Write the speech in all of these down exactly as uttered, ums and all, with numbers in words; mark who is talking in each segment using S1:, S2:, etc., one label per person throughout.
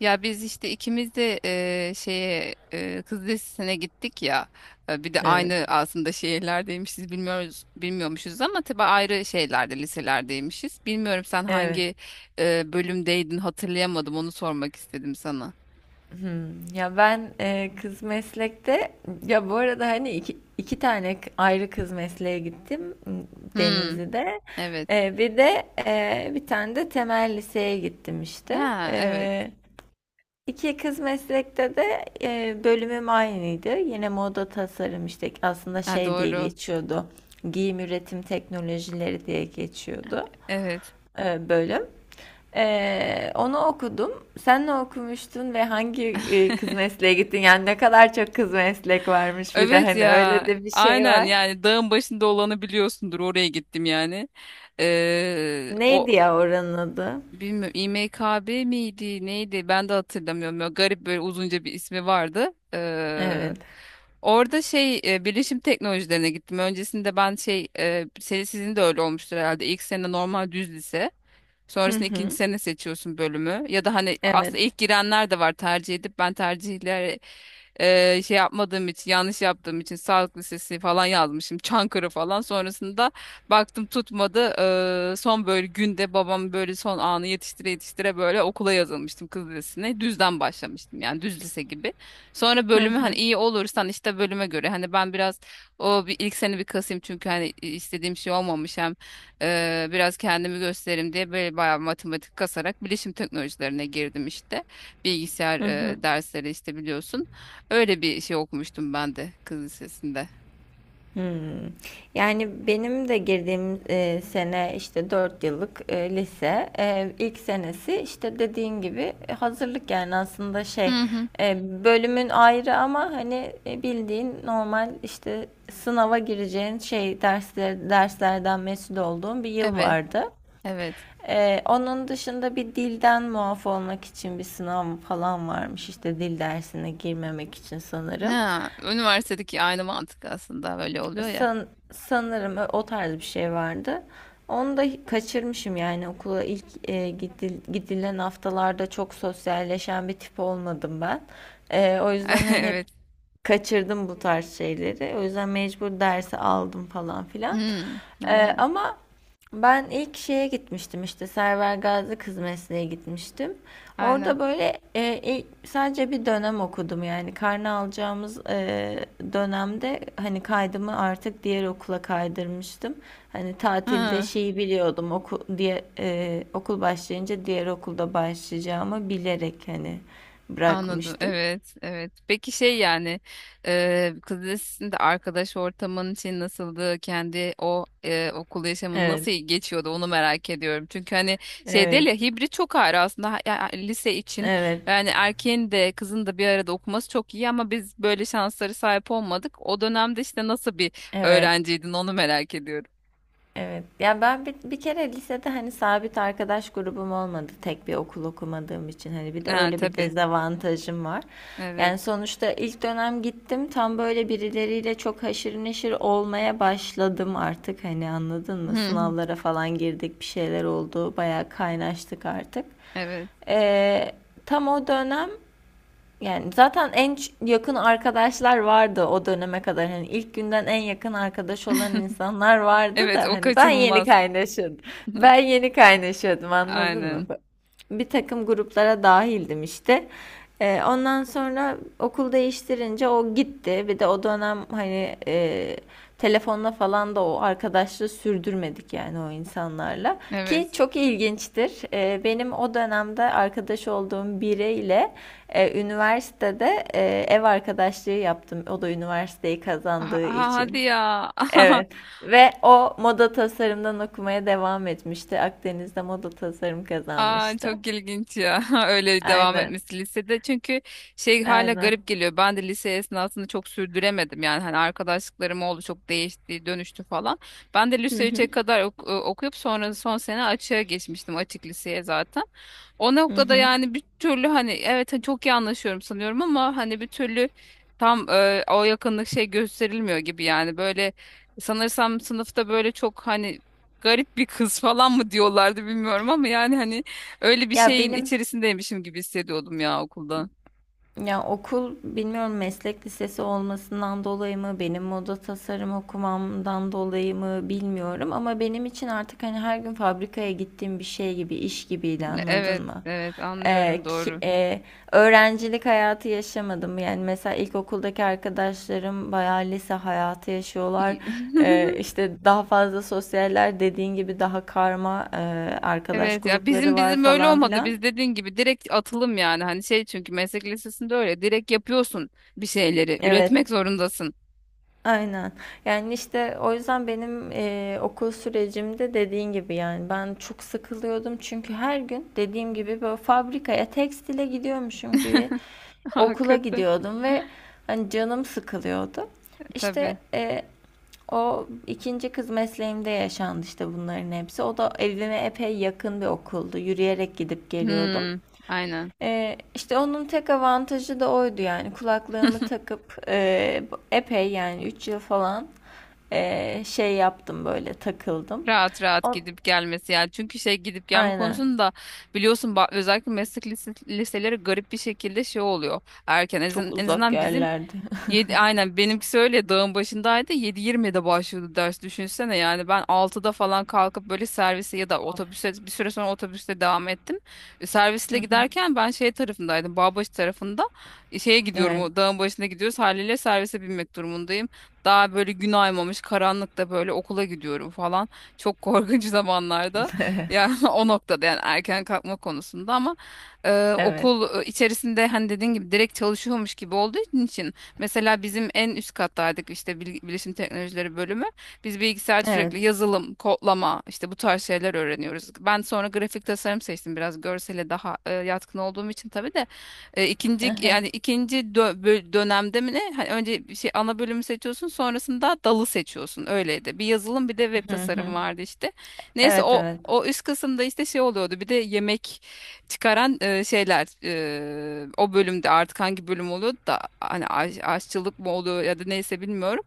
S1: Ya biz işte ikimiz de eee, şeye eee, Kız Lisesi'ne gittik ya. E, bir de
S2: Evet.
S1: aynı aslında şehirlerdeymişiz bilmiyoruz bilmiyormuşuz ama tabii ayrı şeylerde liselerdeymişiz. Bilmiyorum sen
S2: Evet.
S1: hangi eee, bölümdeydin hatırlayamadım onu sormak istedim sana.
S2: Hmm. Ya ben e, kız meslekte, ya bu arada hani iki, iki tane k- ayrı kız mesleğe gittim, m,
S1: Hmm,
S2: Denizli'de.
S1: evet.
S2: E, bir de e, bir tane de temel liseye gittim işte.
S1: Ha evet.
S2: E, iki kız meslekte de e, bölümüm aynıydı. Yine moda tasarım işte, aslında
S1: Ha
S2: şey diye
S1: doğru.
S2: geçiyordu. Giyim üretim teknolojileri diye geçiyordu,
S1: Evet.
S2: e, bölüm. E, onu okudum. Sen ne okumuştun ve hangi e, kız mesleğe gittin? Yani ne kadar çok kız meslek varmış, bir de
S1: Evet
S2: hani
S1: ya.
S2: öyle de bir şey
S1: Aynen
S2: var.
S1: yani dağın başında olanı biliyorsundur oraya gittim yani. Eee, o
S2: Neydi ya oranın adı?
S1: Bilmiyorum İMKB miydi neydi ben de hatırlamıyorum. Böyle garip böyle uzunca bir ismi vardı. Ee,
S2: Evet.
S1: orada şey e, bilişim teknolojilerine gittim. Öncesinde ben şey e, senin sizin de öyle olmuştur herhalde. İlk sene normal düz lise.
S2: Hı
S1: Sonrasında ikinci
S2: hı.
S1: sene seçiyorsun bölümü. Ya da hani
S2: Evet.
S1: aslında ilk girenler de var tercih edip ben tercihleri e, şey yapmadığım için yanlış yaptığım için sağlık lisesi falan yazmışım. Çankırı falan. Sonrasında baktım tutmadı. E, son böyle günde babam böyle son anı yetiştire yetiştire böyle okula yazılmıştım kız lisesine. Düzden başlamıştım yani düz lise gibi. Sonra
S2: Hı
S1: bölümü hani
S2: hı.
S1: iyi olursan işte bölüme göre hani ben biraz o bir ilk sene bir kasayım çünkü hani istediğim şey olmamış hem Eee, biraz kendimi göstereyim diye böyle bayağı matematik kasarak bilişim teknolojilerine girdim işte. Bilgisayar
S2: Hı hı.
S1: eee, dersleri işte biliyorsun. Öyle bir şey okumuştum ben de kız lisesinde.
S2: Hımm. Yani benim de girdiğim, eee, sene, işte, dört yıllık, eee, lise. Eee, ilk senesi, işte, dediğin gibi e, hazırlık, yani aslında şey,
S1: Hı hı.
S2: eee, bölümün ayrı, ama hani, eee, bildiğin normal, işte, sınava gireceğin şey dersler derslerden mesul olduğum bir yıl
S1: Evet,
S2: vardı.
S1: evet.
S2: Eee, onun dışında bir dilden muaf olmak için bir sınav falan varmış, işte, dil dersine girmemek için sanırım.
S1: Ha, üniversitedeki aynı mantık aslında böyle oluyor ya.
S2: san, Sanırım o tarz bir şey vardı. Onu da kaçırmışım, yani okula ilk e, gidil- gidilen haftalarda çok sosyalleşen bir tip olmadım ben. E, o yüzden hani hep
S1: Evet.
S2: kaçırdım bu tarz şeyleri. O yüzden mecbur dersi aldım falan filan.
S1: Hmm,
S2: Ee,
S1: aynen,
S2: ama ben ilk şeye gitmiştim, işte Server Gazi Kız Mesleğe gitmiştim.
S1: aynen.
S2: Orada böyle e, ilk- sadece bir dönem okudum, yani karne alacağımız e, dönemde hani kaydımı artık diğer okula kaydırmıştım. Hani tatilde
S1: Ha.
S2: şeyi biliyordum, oku, diye, e, okul başlayınca diğer okulda başlayacağımı bilerek hani
S1: Anladım.
S2: bırakmıştım.
S1: Evet, evet. Peki şey yani e, kız lisesinde arkadaş ortamın için nasıldı? Kendi o e, okul yaşamın
S2: Evet,
S1: nasıl geçiyordu? Onu merak ediyorum. Çünkü hani şey değil
S2: evet.
S1: ya hibrit çok ayrı aslında Ha- ya- lise için.
S2: Evet,
S1: Yani erkeğin de kızın da bir arada okuması çok iyi ama biz böyle şansları sahip olmadık. O dönemde işte nasıl bir
S2: evet,
S1: öğrenciydin onu merak ediyorum.
S2: evet. Ya ben bir, bir kere lisede hani sabit arkadaş grubum olmadı. Tek bir okul okumadığım için hani bir de
S1: Ha
S2: öyle bir
S1: tabii.
S2: dezavantajım var.
S1: Evet.
S2: Yani sonuçta ilk dönem gittim, tam böyle birileriyle çok haşır neşir olmaya başladım artık, hani anladın mı?
S1: Hı hı.
S2: Sınavlara falan girdik, bir şeyler oldu. Bayağı kaynaştık artık.
S1: Evet.
S2: Ee, Tam o dönem, yani zaten en ç- yakın arkadaşlar vardı o döneme kadar. Hani ilk günden en yakın arkadaş olan insanlar vardı
S1: Evet,
S2: da
S1: o
S2: hani ben yeni
S1: kaçınılmaz.
S2: kaynaşıyordum. Ben yeni kaynaşıyordum, anladın mı?
S1: Aynen.
S2: Bir takım gruplara dahildim işte. Ee, ondan sonra okul değiştirince o gitti. Bir de o dönem hani e, telefonla falan da o arkadaşlığı sürdürmedik, yani o insanlarla. Ki
S1: Evet.
S2: çok ilginçtir. Ee, benim o dönemde arkadaş olduğum biriyle e, üniversitede e, ev arkadaşlığı yaptım. O da üniversiteyi
S1: Ha-
S2: kazandığı
S1: ha- hadi
S2: için.
S1: ya.
S2: Evet. Ve o moda tasarımdan okumaya devam etmişti. Akdeniz'de moda tasarım
S1: Aa,
S2: kazanmıştı.
S1: çok ilginç ya öyle devam
S2: Aynen.
S1: etmesi lisede çünkü şey hala
S2: Aynen.
S1: garip geliyor. Ben de lise esnasında çok sürdüremedim yani hani arkadaşlıklarım oldu çok değişti dönüştü falan. Ben de
S2: Hı
S1: lise
S2: hı.
S1: üçe kadar ok- e, okuyup sonra son sene açığa geçmiştim açık liseye zaten o
S2: Hı
S1: noktada
S2: hı.
S1: yani bir türlü hani evet hani çok iyi anlaşıyorum sanıyorum ama hani bir türlü tam e, o yakınlık şey gösterilmiyor gibi yani böyle sanırsam sınıfta böyle çok hani garip bir kız falan mı diyorlardı bilmiyorum ama yani hani öyle bir
S2: Ya
S1: şeyin
S2: benim
S1: içerisindeymişim gibi hissediyordum ya okulda.
S2: Ya okul bilmiyorum, meslek lisesi olmasından dolayı mı, benim moda tasarım okumamdan dolayı mı bilmiyorum, ama benim için artık hani her gün fabrikaya gittiğim bir şey gibi, iş gibiydi,
S1: Hani evet,
S2: anladın mı?
S1: evet
S2: Ee,
S1: anlıyorum
S2: ki-
S1: doğru.
S2: e, Öğrencilik hayatı yaşamadım. Yani mesela ilkokuldaki arkadaşlarım bayağı lise hayatı yaşıyorlar.
S1: İyi.
S2: Ee, işte daha fazla sosyaller, dediğin gibi daha karma e, arkadaş
S1: Evet ya
S2: grupları
S1: bizim
S2: var
S1: bizim öyle
S2: falan
S1: olmadı.
S2: filan.
S1: Biz dediğin gibi direkt atılım yani. Hani şey çünkü meslek lisesinde öyle direkt yapıyorsun bir şeyleri.
S2: Evet.
S1: Üretmek zorundasın.
S2: Aynen. Yani, işte, o yüzden benim, eee, okul sürecimde, dediğin gibi, yani, ben çok sıkılıyordum. Çünkü her gün dediğim gibi, böyle, fabrikaya, tekstile gidiyormuşum gibi okula
S1: Hakikaten.
S2: gidiyordum ve, hani, canım sıkılıyordu.
S1: E,
S2: İşte,
S1: Tabii.
S2: eee, o ikinci kız mesleğimde yaşandı, işte, bunların hepsi. O da evime epey yakın bir okuldu. Yürüyerek gidip geliyordum.
S1: Hmm, aynen.
S2: Ee, işte onun tek avantajı da oydu, yani kulaklığımı takıp e, epey, yani üç yıl falan e, şey yaptım, böyle takıldım.
S1: Rahat rahat
S2: O,
S1: gidip gelmesi yani. Çünkü şey gidip gelme
S2: aynen,
S1: konusunda biliyorsun ba- özellikle meslek lise- liseleri garip bir şekilde şey oluyor. Erken en
S2: çok
S1: azın- en
S2: uzak
S1: azından bizim.
S2: yerlerde.
S1: Yedi, aynen benimkisi öyle dağın başındaydı yedi yirmide başlıyordu ders düşünsene yani ben altıda falan kalkıp böyle servise ya da
S2: Of.
S1: otobüse bir süre sonra otobüste devam ettim. E,
S2: Hı
S1: Servisle
S2: hı.
S1: giderken ben şey tarafındaydım Bağbaşı tarafında. E, şeye gidiyorum
S2: Evet.
S1: o dağın başına gidiyoruz haliyle servise binmek durumundayım. Daha böyle gün aymamış karanlıkta böyle okula gidiyorum falan çok korkunç zamanlarda yani o noktada yani erken kalkma konusunda ama e,
S2: Evet.
S1: okul e, içerisinde hani dediğin gibi direkt çalışıyormuş gibi olduğu için. Mesela bizim en üst kattaydık işte bil- bilişim teknolojileri bölümü. Biz bilgisayarda
S2: Evet.
S1: sürekli yazılım, kodlama işte bu tarz şeyler öğreniyoruz. Ben sonra grafik tasarım seçtim biraz görsele daha e, yatkın olduğum için tabii de. E,
S2: Hı
S1: ikinci
S2: hı.
S1: yani ikinci dö- bö- dönemde mi ne? Hani önce bir şey ana bölümü seçiyorsun sonrasında dalı seçiyorsun öyleydi. Bir yazılım bir de web tasarım vardı işte. Neyse
S2: Evet,
S1: o
S2: evet.
S1: o üst kısımda işte şey oluyordu bir de yemek çıkaran e, şeyler e, o bölümde artık hangi bölüm oluyor da hani aş- aşçılık mı oluyor ya da neyse bilmiyorum.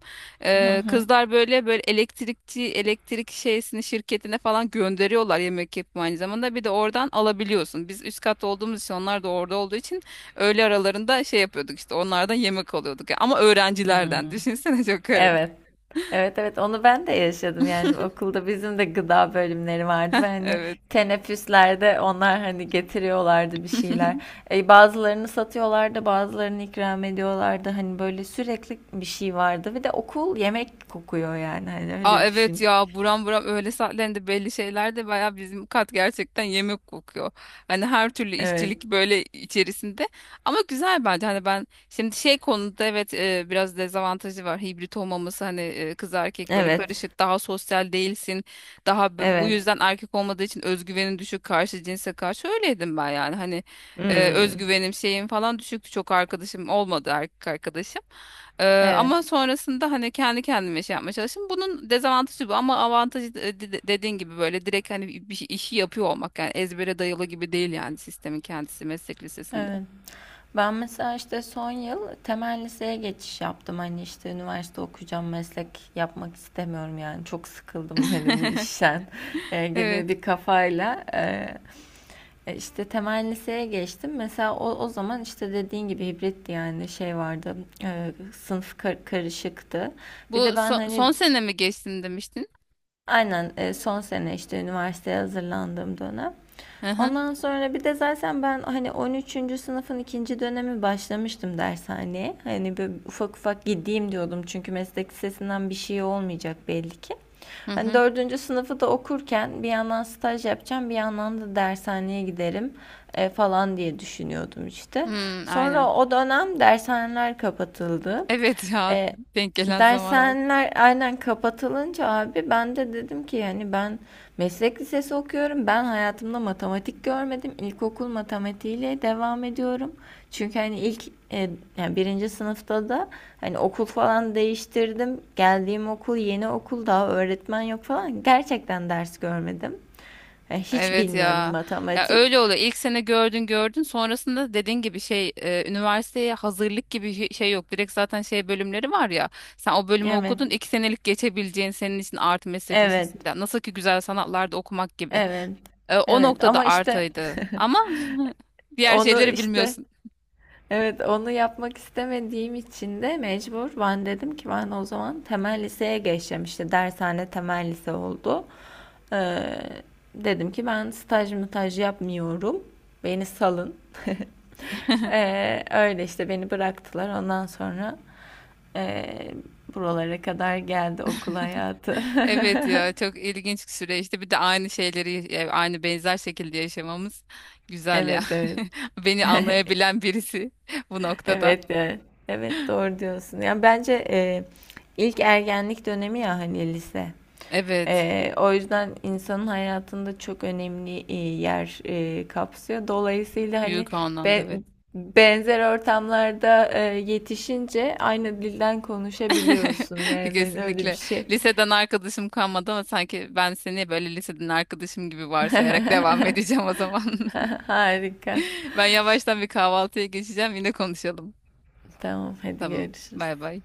S2: Hı
S1: E,
S2: hı.
S1: kızlar böyle böyle elektrikçi elektrik şeysini şirketine falan gönderiyorlar yemek yapımı aynı zamanda bir de oradan alabiliyorsun. Biz üst kat olduğumuz için onlar da orada olduğu için öğle aralarında şey yapıyorduk işte onlardan yemek alıyorduk. Ama
S2: Hmm.
S1: öğrencilerden düşünsene çok
S2: Evet.
S1: garip.
S2: Evet, evet, onu ben de yaşadım. Yani okulda bizim de gıda bölümleri vardı ve hani
S1: Evet.
S2: teneffüslerde onlar hani getiriyorlardı bir şeyler. E, bazılarını satıyorlardı, bazılarını ikram ediyorlardı, hani böyle sürekli bir şey vardı ve de okul yemek kokuyor, yani hani
S1: Aa
S2: öyle
S1: evet
S2: düşün.
S1: ya buram buram öğle saatlerinde belli şeyler de baya bizim kat gerçekten yemek kokuyor. Hani her türlü
S2: Evet,
S1: işçilik böyle içerisinde ama güzel bence hani ben şimdi şey konuda evet e, biraz dezavantajı var hibrit olmaması hani e, kız erkek böyle
S2: evet,
S1: karışık daha sosyal değilsin daha b- bu
S2: evet.
S1: yüzden erkek olmadığı için özgüvenin düşük karşı cinse karşı öyleydim ben yani hani e,
S2: Hmm.
S1: özgüvenim şeyim falan düşüktü çok arkadaşım olmadı erkek arkadaşım. Ee,
S2: Evet,
S1: Ama sonrasında hani kendi kendime şey yapmaya çalıştım. Bunun dezavantajı bu ama avantajı de- de- dediğin gibi böyle direkt hani bir şey- işi yapıyor olmak yani ezbere dayalı gibi değil yani sistemin kendisi meslek lisesinde.
S2: evet. Ben mesela işte son yıl temel liseye geçiş yaptım. Hani işte üniversite okuyacağım, meslek yapmak istemiyorum yani. Çok sıkıldım hani bu işten, e, gibi
S1: Evet.
S2: bir kafayla. e, e, işte temel liseye geçtim. Mesela o, o zaman işte dediğin gibi hibritti, yani şey vardı. E, sınıf kar- karışıktı. Bir de
S1: Bu
S2: ben
S1: son,
S2: hani,
S1: son sene mi geçtin demiştin?
S2: aynen, e, son sene işte üniversiteye hazırlandığım dönem.
S1: Hı hı.
S2: Ondan sonra bir de zaten ben hani on üçüncü sınıfın ikinci dönemi başlamıştım dershaneye. Hani böyle ufak ufak gideyim diyordum, çünkü meslek lisesinden bir şey olmayacak belli ki.
S1: Hı
S2: Hani
S1: hı.
S2: dördüncü sınıfı da okurken bir yandan staj yapacağım, bir yandan da dershaneye giderim e, falan diye düşünüyordum işte.
S1: Hmm, aynen.
S2: Sonra o dönem dershaneler kapatıldı.
S1: Evet ya
S2: E,
S1: denk gelen zamana bak.
S2: Dershaneler aynen kapatılınca abi ben de dedim ki, yani ben meslek lisesi okuyorum. Ben hayatımda matematik görmedim. İlkokul matematiğiyle devam ediyorum. Çünkü hani ilk e, yani birinci sınıfta da hani okul falan değiştirdim. Geldiğim okul yeni okul, daha öğretmen yok falan. Gerçekten ders görmedim. Yani hiç
S1: Evet
S2: bilmiyorum
S1: ya. Ya
S2: matematik.
S1: öyle oluyor. İlk sene gördün gördün. Sonrasında dediğin gibi şey e, üniversiteye hazırlık gibi hi- şey yok. Direkt zaten şey bölümleri var ya. Sen o bölümü
S2: Evet.
S1: okudun. İki senelik geçebileceğin senin için artı meslek
S2: Evet.
S1: lisesinden. Nasıl ki güzel sanatlarda okumak gibi.
S2: Evet.
S1: E, o
S2: Evet
S1: noktada
S2: ama işte
S1: artıydı. Ama diğer
S2: onu
S1: şeyleri
S2: işte
S1: bilmiyorsun.
S2: Evet, onu yapmak istemediğim için de mecbur ben dedim ki ben o zaman temel liseye geçeceğim, işte dershane temel lise oldu. Ee, Dedim ki ben staj mütaj yapmıyorum, beni salın. Ee, öyle işte beni bıraktılar, ondan sonra ee, buralara kadar geldi okul hayatı.
S1: Evet ya çok ilginç bir süreçti. Bir de aynı şeyleri e, aynı benzer şekilde yaşamamız güzel ya.
S2: Evet, evet.
S1: Beni anlayabilen birisi bu noktada.
S2: Evet yani. Evet, doğru diyorsun. Yani bence e, ilk ergenlik dönemi ya, hani lise.
S1: Evet.
S2: E, o yüzden insanın hayatında çok önemli e, yer e, kapsıyor. Dolayısıyla hani
S1: Büyük anlamda
S2: be-
S1: evet.
S2: benzer ortamlarda e, yetişince aynı dilden konuşabiliyorsun. Yani öyle bir
S1: Kesinlikle.
S2: şey.
S1: Liseden arkadaşım kalmadı ama sanki ben seni böyle liseden arkadaşım gibi varsayarak devam edeceğim o zaman.
S2: Harika.
S1: Ben yavaştan bir kahvaltıya geçeceğim. Yine konuşalım.
S2: Tamam, hadi
S1: Tamam.
S2: görüşürüz.
S1: Bay bay.